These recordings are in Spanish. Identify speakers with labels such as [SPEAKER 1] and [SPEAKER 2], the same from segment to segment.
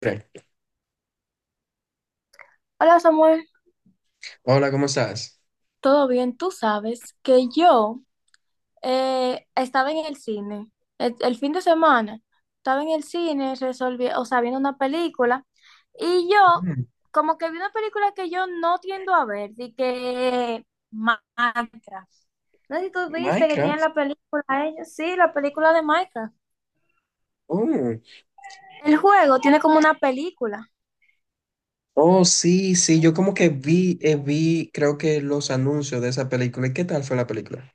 [SPEAKER 1] Pre.
[SPEAKER 2] Hola Samuel,
[SPEAKER 1] Hola, ¿cómo estás?
[SPEAKER 2] ¿todo bien? Tú sabes que yo estaba en el cine el fin de semana, estaba en el cine resolviendo, o sea, viendo una película y yo
[SPEAKER 1] Mm,
[SPEAKER 2] como que vi una película que yo no tiendo a ver, de que Minecraft. No sé si tú viste que tienen
[SPEAKER 1] Minecraft.
[SPEAKER 2] la película ellos, sí, la película de Minecraft.
[SPEAKER 1] Oh,
[SPEAKER 2] El juego tiene como una película.
[SPEAKER 1] oh, sí, sí, yo como que vi, vi, creo que los anuncios de esa película. ¿Y qué tal fue la película?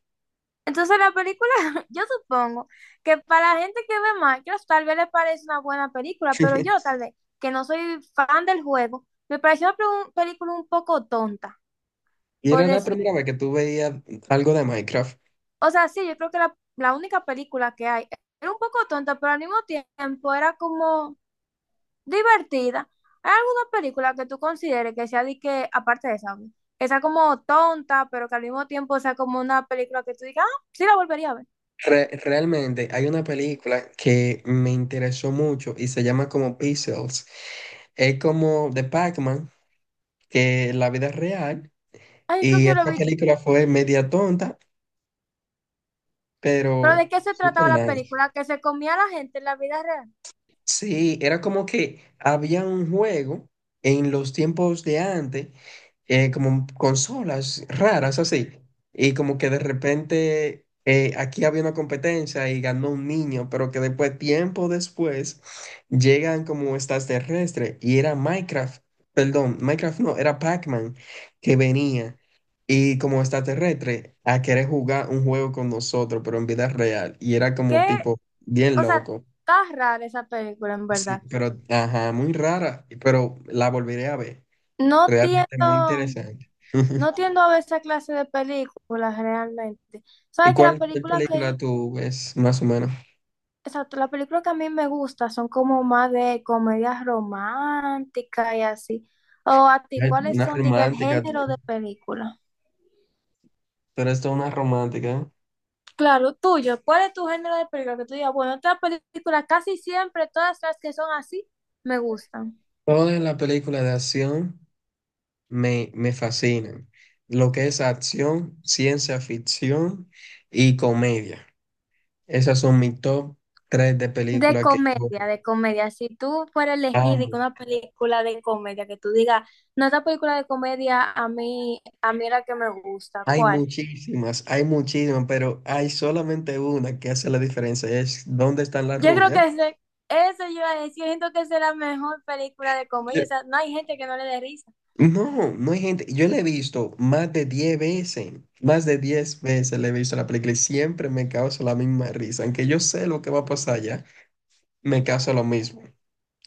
[SPEAKER 2] Entonces la película, yo supongo que para la gente que ve Minecraft tal vez le parece una buena película, pero yo tal vez, que no soy fan del juego, me pareció una película un poco tonta,
[SPEAKER 1] Y
[SPEAKER 2] por
[SPEAKER 1] era la
[SPEAKER 2] decir,
[SPEAKER 1] primera vez que tú veías algo de Minecraft.
[SPEAKER 2] o sea, sí, yo creo que la única película que hay era un poco tonta, pero al mismo tiempo era como divertida. ¿Hay alguna película que tú consideres que sea de que, aparte de esa, obvio, que sea como tonta, pero que al mismo tiempo sea como una película que tú digas, ah, sí la volvería a ver?
[SPEAKER 1] Realmente hay una película que me interesó mucho y se llama como Pixels. Es como de Pac-Man, que la vida es real.
[SPEAKER 2] Ay, creo
[SPEAKER 1] Y
[SPEAKER 2] que yo lo
[SPEAKER 1] esa
[SPEAKER 2] vi.
[SPEAKER 1] película fue media tonta,
[SPEAKER 2] Pero
[SPEAKER 1] pero
[SPEAKER 2] ¿de qué se
[SPEAKER 1] super
[SPEAKER 2] trataba la
[SPEAKER 1] nice.
[SPEAKER 2] película? Que se comía a la gente en la vida real.
[SPEAKER 1] Sí, era como que había un juego en los tiempos de antes, como consolas raras así, y como que de repente aquí había una competencia y ganó un niño, pero que después, tiempo después, llegan como extraterrestres y era Minecraft, perdón, Minecraft no, era Pac-Man que venía y como extraterrestre a querer jugar un juego con nosotros, pero en vida real, y era
[SPEAKER 2] ¿Qué?
[SPEAKER 1] como tipo bien
[SPEAKER 2] O sea,
[SPEAKER 1] loco.
[SPEAKER 2] está rara esa película, en
[SPEAKER 1] Sí,
[SPEAKER 2] verdad.
[SPEAKER 1] pero, ajá, muy rara, pero la volveré a ver.
[SPEAKER 2] No tiendo,
[SPEAKER 1] Realmente muy interesante.
[SPEAKER 2] no tiendo a ver esa clase de películas realmente.
[SPEAKER 1] ¿Y
[SPEAKER 2] Sabes que las
[SPEAKER 1] cuál
[SPEAKER 2] películas
[SPEAKER 1] película
[SPEAKER 2] que,
[SPEAKER 1] tú ves más o menos?
[SPEAKER 2] exacto, las películas que a mí me gustan son como más de comedias románticas y así. O a ti,
[SPEAKER 1] Ay, tú,
[SPEAKER 2] ¿cuáles
[SPEAKER 1] una
[SPEAKER 2] son, diga, el
[SPEAKER 1] romántica, tú.
[SPEAKER 2] género de película?
[SPEAKER 1] Pero esto es una romántica, ¿eh?
[SPEAKER 2] Claro, tuyo. ¿Cuál es tu género de película? Que tú digas, bueno, estas películas casi siempre, todas las que son así, me gustan.
[SPEAKER 1] Todas las películas de acción me fascinan. Lo que es acción, ciencia ficción y comedia. Esas son mis top tres de
[SPEAKER 2] De
[SPEAKER 1] películas que yo
[SPEAKER 2] comedia, de comedia. Si tú fueras elegir y que
[SPEAKER 1] amo.
[SPEAKER 2] una película de comedia que tú digas, no, esta película de comedia a mí era que me gusta, ¿cuál?
[SPEAKER 1] Hay muchísimas, pero hay solamente una que hace la diferencia, es dónde están las
[SPEAKER 2] Yo creo
[SPEAKER 1] rubias.
[SPEAKER 2] que ese, eso yo iba a decir, yo siento que esa es la mejor película de comedia,
[SPEAKER 1] Yo...
[SPEAKER 2] o sea, no hay gente que no le dé risa.
[SPEAKER 1] No, no hay gente, yo la he visto más de 10 veces, más de 10 veces la he visto la película y siempre me causa la misma risa, aunque yo sé lo que va a pasar ya, me causa lo mismo.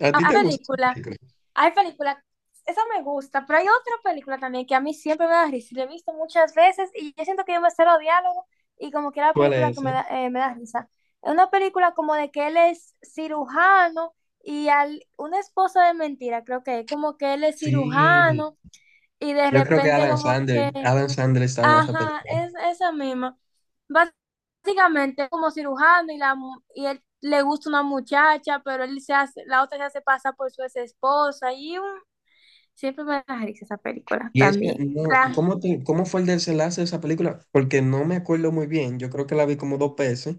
[SPEAKER 1] ¿A ti
[SPEAKER 2] A
[SPEAKER 1] te gusta esa
[SPEAKER 2] película.
[SPEAKER 1] película?
[SPEAKER 2] Hay películas, esa me gusta, pero hay otra película también que a mí siempre me da risa. Y la he visto muchas veces y yo siento que yo me cero diálogo y como que es la
[SPEAKER 1] ¿Cuál
[SPEAKER 2] película que
[SPEAKER 1] es esa?
[SPEAKER 2] me da risa. Es una película como de que él es cirujano y al, una esposa de mentira, creo que es como que él es
[SPEAKER 1] Sí,
[SPEAKER 2] cirujano y de
[SPEAKER 1] yo creo que
[SPEAKER 2] repente como que,
[SPEAKER 1] Adam Sandler está en esa
[SPEAKER 2] ajá,
[SPEAKER 1] película.
[SPEAKER 2] es esa misma. Básicamente es como cirujano y, la, y él le gusta una muchacha, pero él se hace, la otra se hace pasar por su ex esposa y siempre me las hice esas películas
[SPEAKER 1] Y ese,
[SPEAKER 2] también.
[SPEAKER 1] no,
[SPEAKER 2] La-
[SPEAKER 1] ¿cómo, cómo fue el desenlace de esa película? Porque no me acuerdo muy bien. Yo creo que la vi como dos veces,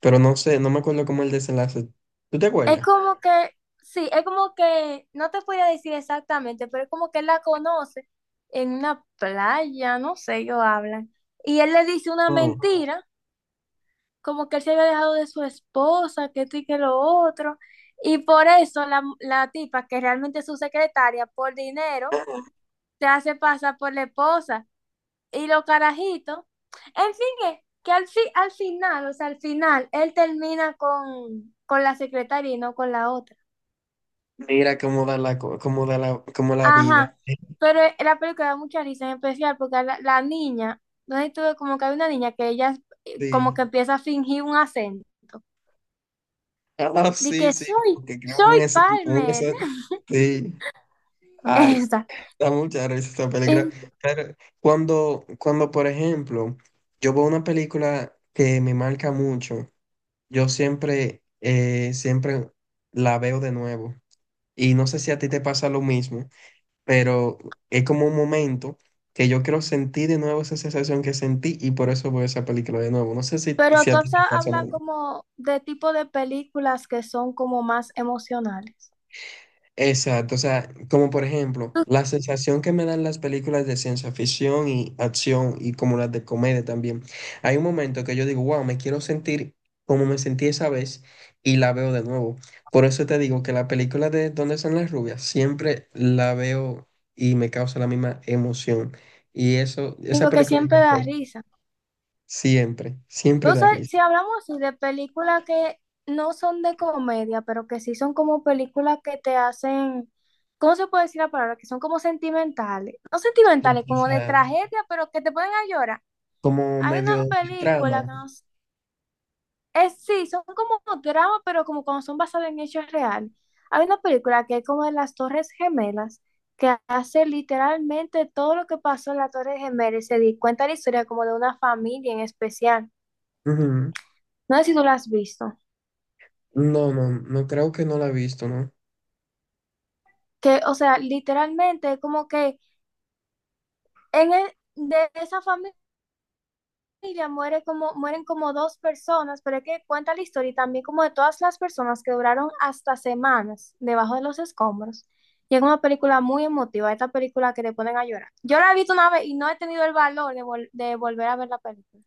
[SPEAKER 1] pero no sé, no me acuerdo cómo el desenlace. ¿Tú te
[SPEAKER 2] es
[SPEAKER 1] acuerdas?
[SPEAKER 2] como que, sí, es como que, no te podría decir exactamente, pero es como que él la conoce en una playa, no sé, ellos hablan. Y él le dice una
[SPEAKER 1] No.
[SPEAKER 2] mentira, como que él se había dejado de su esposa, que esto y que lo otro. Y por eso la tipa, que realmente es su secretaria, por dinero, se hace pasar por la esposa. Y los carajitos. En fin, es que al final, o sea, al final, él termina con la secretaria y no con la otra.
[SPEAKER 1] Mira cómo da la, cómo da la, cómo la vida.
[SPEAKER 2] Ajá, pero la película da mucha risa en especial porque a la niña, no sé si tú ves como que hay una niña que ella como
[SPEAKER 1] Sí.
[SPEAKER 2] que empieza a fingir un acento.
[SPEAKER 1] Ah,
[SPEAKER 2] De
[SPEAKER 1] sí,
[SPEAKER 2] que
[SPEAKER 1] sí.
[SPEAKER 2] soy,
[SPEAKER 1] Porque creo que
[SPEAKER 2] soy Palmer.
[SPEAKER 1] sí. Ay,
[SPEAKER 2] Esa.
[SPEAKER 1] da mucha risa esa película.
[SPEAKER 2] Eh,
[SPEAKER 1] Pero cuando, por ejemplo, yo veo una película que me marca mucho, yo siempre, siempre la veo de nuevo. Y no sé si a ti te pasa lo mismo, pero es como un momento que yo quiero sentir de nuevo esa sensación que sentí y por eso veo esa película de nuevo. No sé
[SPEAKER 2] Pero
[SPEAKER 1] si
[SPEAKER 2] tú
[SPEAKER 1] a ti
[SPEAKER 2] has
[SPEAKER 1] te pasa lo
[SPEAKER 2] habla
[SPEAKER 1] mismo.
[SPEAKER 2] como de tipo de películas que son como más emocionales.
[SPEAKER 1] Exacto, o sea, como por ejemplo, la sensación que me dan las películas de ciencia ficción y acción y como las de comedia también. Hay un momento que yo digo, wow, me quiero sentir como me sentí esa vez y la veo de nuevo. Por eso te digo que la película de ¿dónde están las rubias? Siempre la veo y me causa la misma emoción. Y eso,
[SPEAKER 2] Y
[SPEAKER 1] esa
[SPEAKER 2] porque
[SPEAKER 1] película me
[SPEAKER 2] siempre da
[SPEAKER 1] marcó.
[SPEAKER 2] risa.
[SPEAKER 1] Siempre, siempre
[SPEAKER 2] No
[SPEAKER 1] da
[SPEAKER 2] sé,
[SPEAKER 1] risa.
[SPEAKER 2] si hablamos así de películas que no son de comedia, pero que sí son como películas que te hacen, ¿cómo se puede decir la palabra? Que son como sentimentales. No
[SPEAKER 1] Sí,
[SPEAKER 2] sentimentales,
[SPEAKER 1] o
[SPEAKER 2] como de
[SPEAKER 1] sea,
[SPEAKER 2] tragedia, pero que te ponen a llorar.
[SPEAKER 1] como
[SPEAKER 2] Hay una
[SPEAKER 1] medio de
[SPEAKER 2] película
[SPEAKER 1] trama.
[SPEAKER 2] que no s- es, sí, son como dramas, pero como cuando son basadas en hechos reales. Hay una película que es como de las Torres Gemelas, que hace literalmente todo lo que pasó en las Torres Gemelas y se di cuenta de la historia como de una familia en especial.
[SPEAKER 1] Ujú.
[SPEAKER 2] No sé si tú la has visto.
[SPEAKER 1] No, no, no creo que no la he visto, ¿no?
[SPEAKER 2] Que, o sea, literalmente como que en el, de esa familia muere como, mueren como dos personas, pero es que cuenta la historia y también como de todas las personas que duraron hasta semanas debajo de los escombros. Y es una película muy emotiva, esta película que te ponen a llorar. Yo la he visto una vez y no he tenido el valor de, vol de volver a ver la película.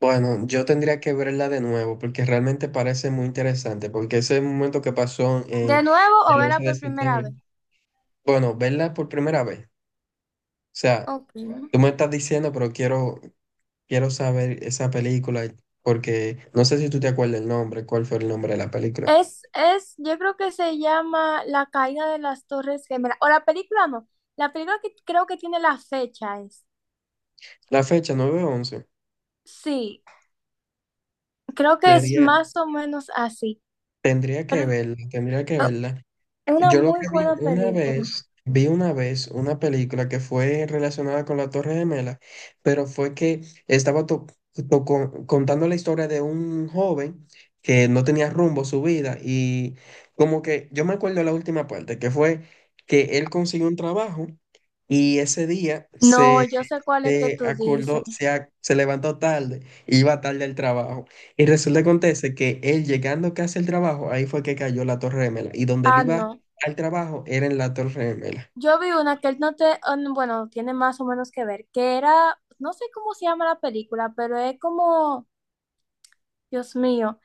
[SPEAKER 1] Bueno, yo tendría que verla de nuevo porque realmente parece muy interesante, porque ese momento que pasó en
[SPEAKER 2] De nuevo o
[SPEAKER 1] el
[SPEAKER 2] verla
[SPEAKER 1] 11 de
[SPEAKER 2] por primera
[SPEAKER 1] septiembre,
[SPEAKER 2] vez.
[SPEAKER 1] bueno, verla por primera vez. O sea,
[SPEAKER 2] Okay.
[SPEAKER 1] tú me estás diciendo, pero quiero, quiero saber esa película porque no sé si tú te acuerdas el nombre, cuál fue el nombre de la película.
[SPEAKER 2] Es, yo creo que se llama La caída de las Torres Gemelas. O la película no. La película que creo que tiene la fecha es.
[SPEAKER 1] La fecha, 9 once.
[SPEAKER 2] Sí, creo que es
[SPEAKER 1] Sería,
[SPEAKER 2] más o menos así.
[SPEAKER 1] tendría
[SPEAKER 2] Pero
[SPEAKER 1] que verla, tendría que
[SPEAKER 2] oh,
[SPEAKER 1] verla.
[SPEAKER 2] es una
[SPEAKER 1] Yo lo
[SPEAKER 2] muy
[SPEAKER 1] que
[SPEAKER 2] buena película.
[SPEAKER 1] vi una vez una película que fue relacionada con la Torre Gemela, pero fue que estaba to- to- con- contando la historia de un joven que no tenía rumbo a su vida y como que yo me acuerdo la última parte, que fue que él consiguió un trabajo y ese día
[SPEAKER 2] No,
[SPEAKER 1] se
[SPEAKER 2] yo sé cuál es que
[SPEAKER 1] se
[SPEAKER 2] tú
[SPEAKER 1] acordó,
[SPEAKER 2] dices.
[SPEAKER 1] se levantó tarde, iba tarde al trabajo. Y resulta que acontece que él llegando casi al trabajo, ahí fue que cayó la Torre Gemela. Y donde él
[SPEAKER 2] Ah,
[SPEAKER 1] iba
[SPEAKER 2] no.
[SPEAKER 1] al trabajo era en la Torre Gemela.
[SPEAKER 2] Yo vi una que no te, ah, no, bueno, tiene más o menos que ver, que era, no sé cómo se llama la película, pero es como, Dios mío.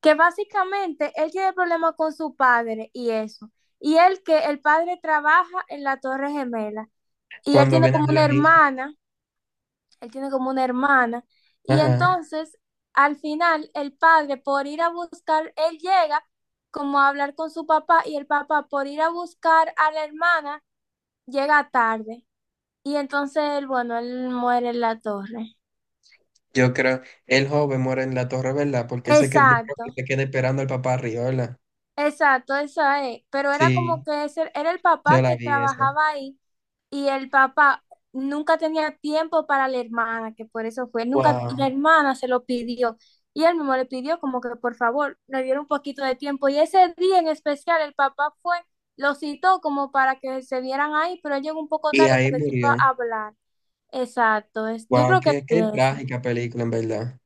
[SPEAKER 2] Que básicamente él tiene problemas con su padre y eso. Y él que el padre trabaja en la Torre Gemela y él
[SPEAKER 1] Cuando
[SPEAKER 2] tiene
[SPEAKER 1] viene a
[SPEAKER 2] como
[SPEAKER 1] ver
[SPEAKER 2] una
[SPEAKER 1] la misma.
[SPEAKER 2] hermana, él tiene como una hermana. Y
[SPEAKER 1] Ajá.
[SPEAKER 2] entonces, al final, el padre por ir a buscar, él llega como a hablar con su papá y el papá por ir a buscar a la hermana llega tarde. Y entonces, él, bueno, él muere en la torre.
[SPEAKER 1] Yo creo, el joven muere en la Torre, ¿verdad? Porque se que yo creo
[SPEAKER 2] Exacto,
[SPEAKER 1] que se queda esperando al papá arriba, ¿verdad?
[SPEAKER 2] exacto, eso es. Pero era como
[SPEAKER 1] Sí,
[SPEAKER 2] que ese, era el
[SPEAKER 1] yo
[SPEAKER 2] papá
[SPEAKER 1] la
[SPEAKER 2] que
[SPEAKER 1] vi esa.
[SPEAKER 2] trabajaba ahí y el papá nunca tenía tiempo para la hermana, que por eso fue, nunca la
[SPEAKER 1] Wow.
[SPEAKER 2] hermana se lo pidió y él mismo le pidió como que por favor le diera un poquito de tiempo y ese día en especial el papá fue, lo citó como para que se vieran ahí, pero él llegó un poco
[SPEAKER 1] Y
[SPEAKER 2] tarde
[SPEAKER 1] ahí
[SPEAKER 2] porque se iba a
[SPEAKER 1] murió.
[SPEAKER 2] hablar. Exacto, es, yo
[SPEAKER 1] Wow,
[SPEAKER 2] creo que
[SPEAKER 1] qué,
[SPEAKER 2] sí
[SPEAKER 1] qué
[SPEAKER 2] es.
[SPEAKER 1] trágica película, en verdad.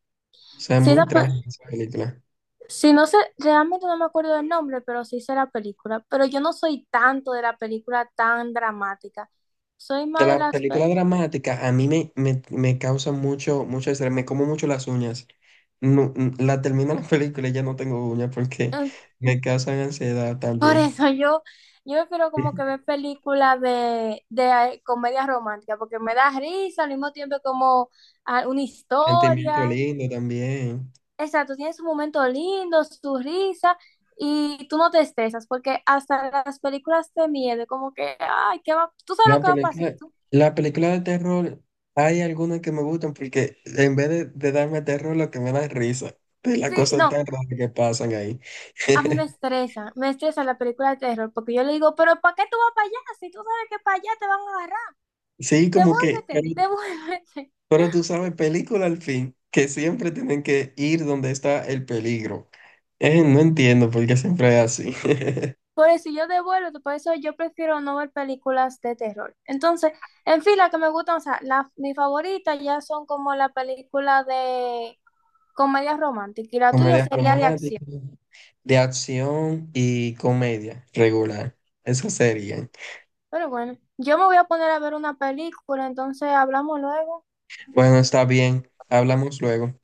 [SPEAKER 1] O sea,
[SPEAKER 2] Sí, la
[SPEAKER 1] muy trágica esa película.
[SPEAKER 2] sí, no sé, realmente no me acuerdo del nombre, pero sí sé la película. Pero yo no soy tanto de la película tan dramática. Soy
[SPEAKER 1] De
[SPEAKER 2] más de
[SPEAKER 1] las
[SPEAKER 2] las...
[SPEAKER 1] películas dramáticas, a mí me causa mucho, mucho estrés, me como mucho las uñas. No, la termino la película y ya no tengo uñas porque me causan ansiedad
[SPEAKER 2] Por
[SPEAKER 1] también.
[SPEAKER 2] eso yo, yo prefiero como que ver películas de comedia romántica, porque me da risa, al mismo tiempo como ah, una
[SPEAKER 1] Sentimiento
[SPEAKER 2] historia.
[SPEAKER 1] lindo también.
[SPEAKER 2] Exacto, tiene su momento lindo, su risa, y tú no te estresas, porque hasta las películas de miedo, como que, ay, ¿qué va? ¿Tú sabes lo
[SPEAKER 1] La
[SPEAKER 2] que va a pasar?
[SPEAKER 1] película,
[SPEAKER 2] ¿Tú?
[SPEAKER 1] la película de terror, hay algunas que me gustan porque en vez de darme terror, lo que me da es risa de las
[SPEAKER 2] Sí,
[SPEAKER 1] cosas
[SPEAKER 2] no,
[SPEAKER 1] tan raras que pasan ahí.
[SPEAKER 2] a mí me estresa la película de terror, porque yo le digo, pero ¿para qué tú vas para allá? Si tú sabes que para allá te van a agarrar,
[SPEAKER 1] Sí, como que,
[SPEAKER 2] devuélvete, devuélvete.
[SPEAKER 1] pero tú sabes, película al fin, que siempre tienen que ir donde está el peligro. No entiendo por qué siempre es así.
[SPEAKER 2] Por eso yo devuelvo, por eso yo prefiero no ver películas de terror. Entonces, en fin, las que me gustan, o sea, la, mi favorita ya son como la película de comedia romántica y la tuya
[SPEAKER 1] Comedias
[SPEAKER 2] sería de
[SPEAKER 1] románticas,
[SPEAKER 2] acción.
[SPEAKER 1] de acción y comedia regular. Esas serían.
[SPEAKER 2] Pero bueno, yo me voy a poner a ver una película, entonces hablamos luego.
[SPEAKER 1] Bueno, está bien. Hablamos luego.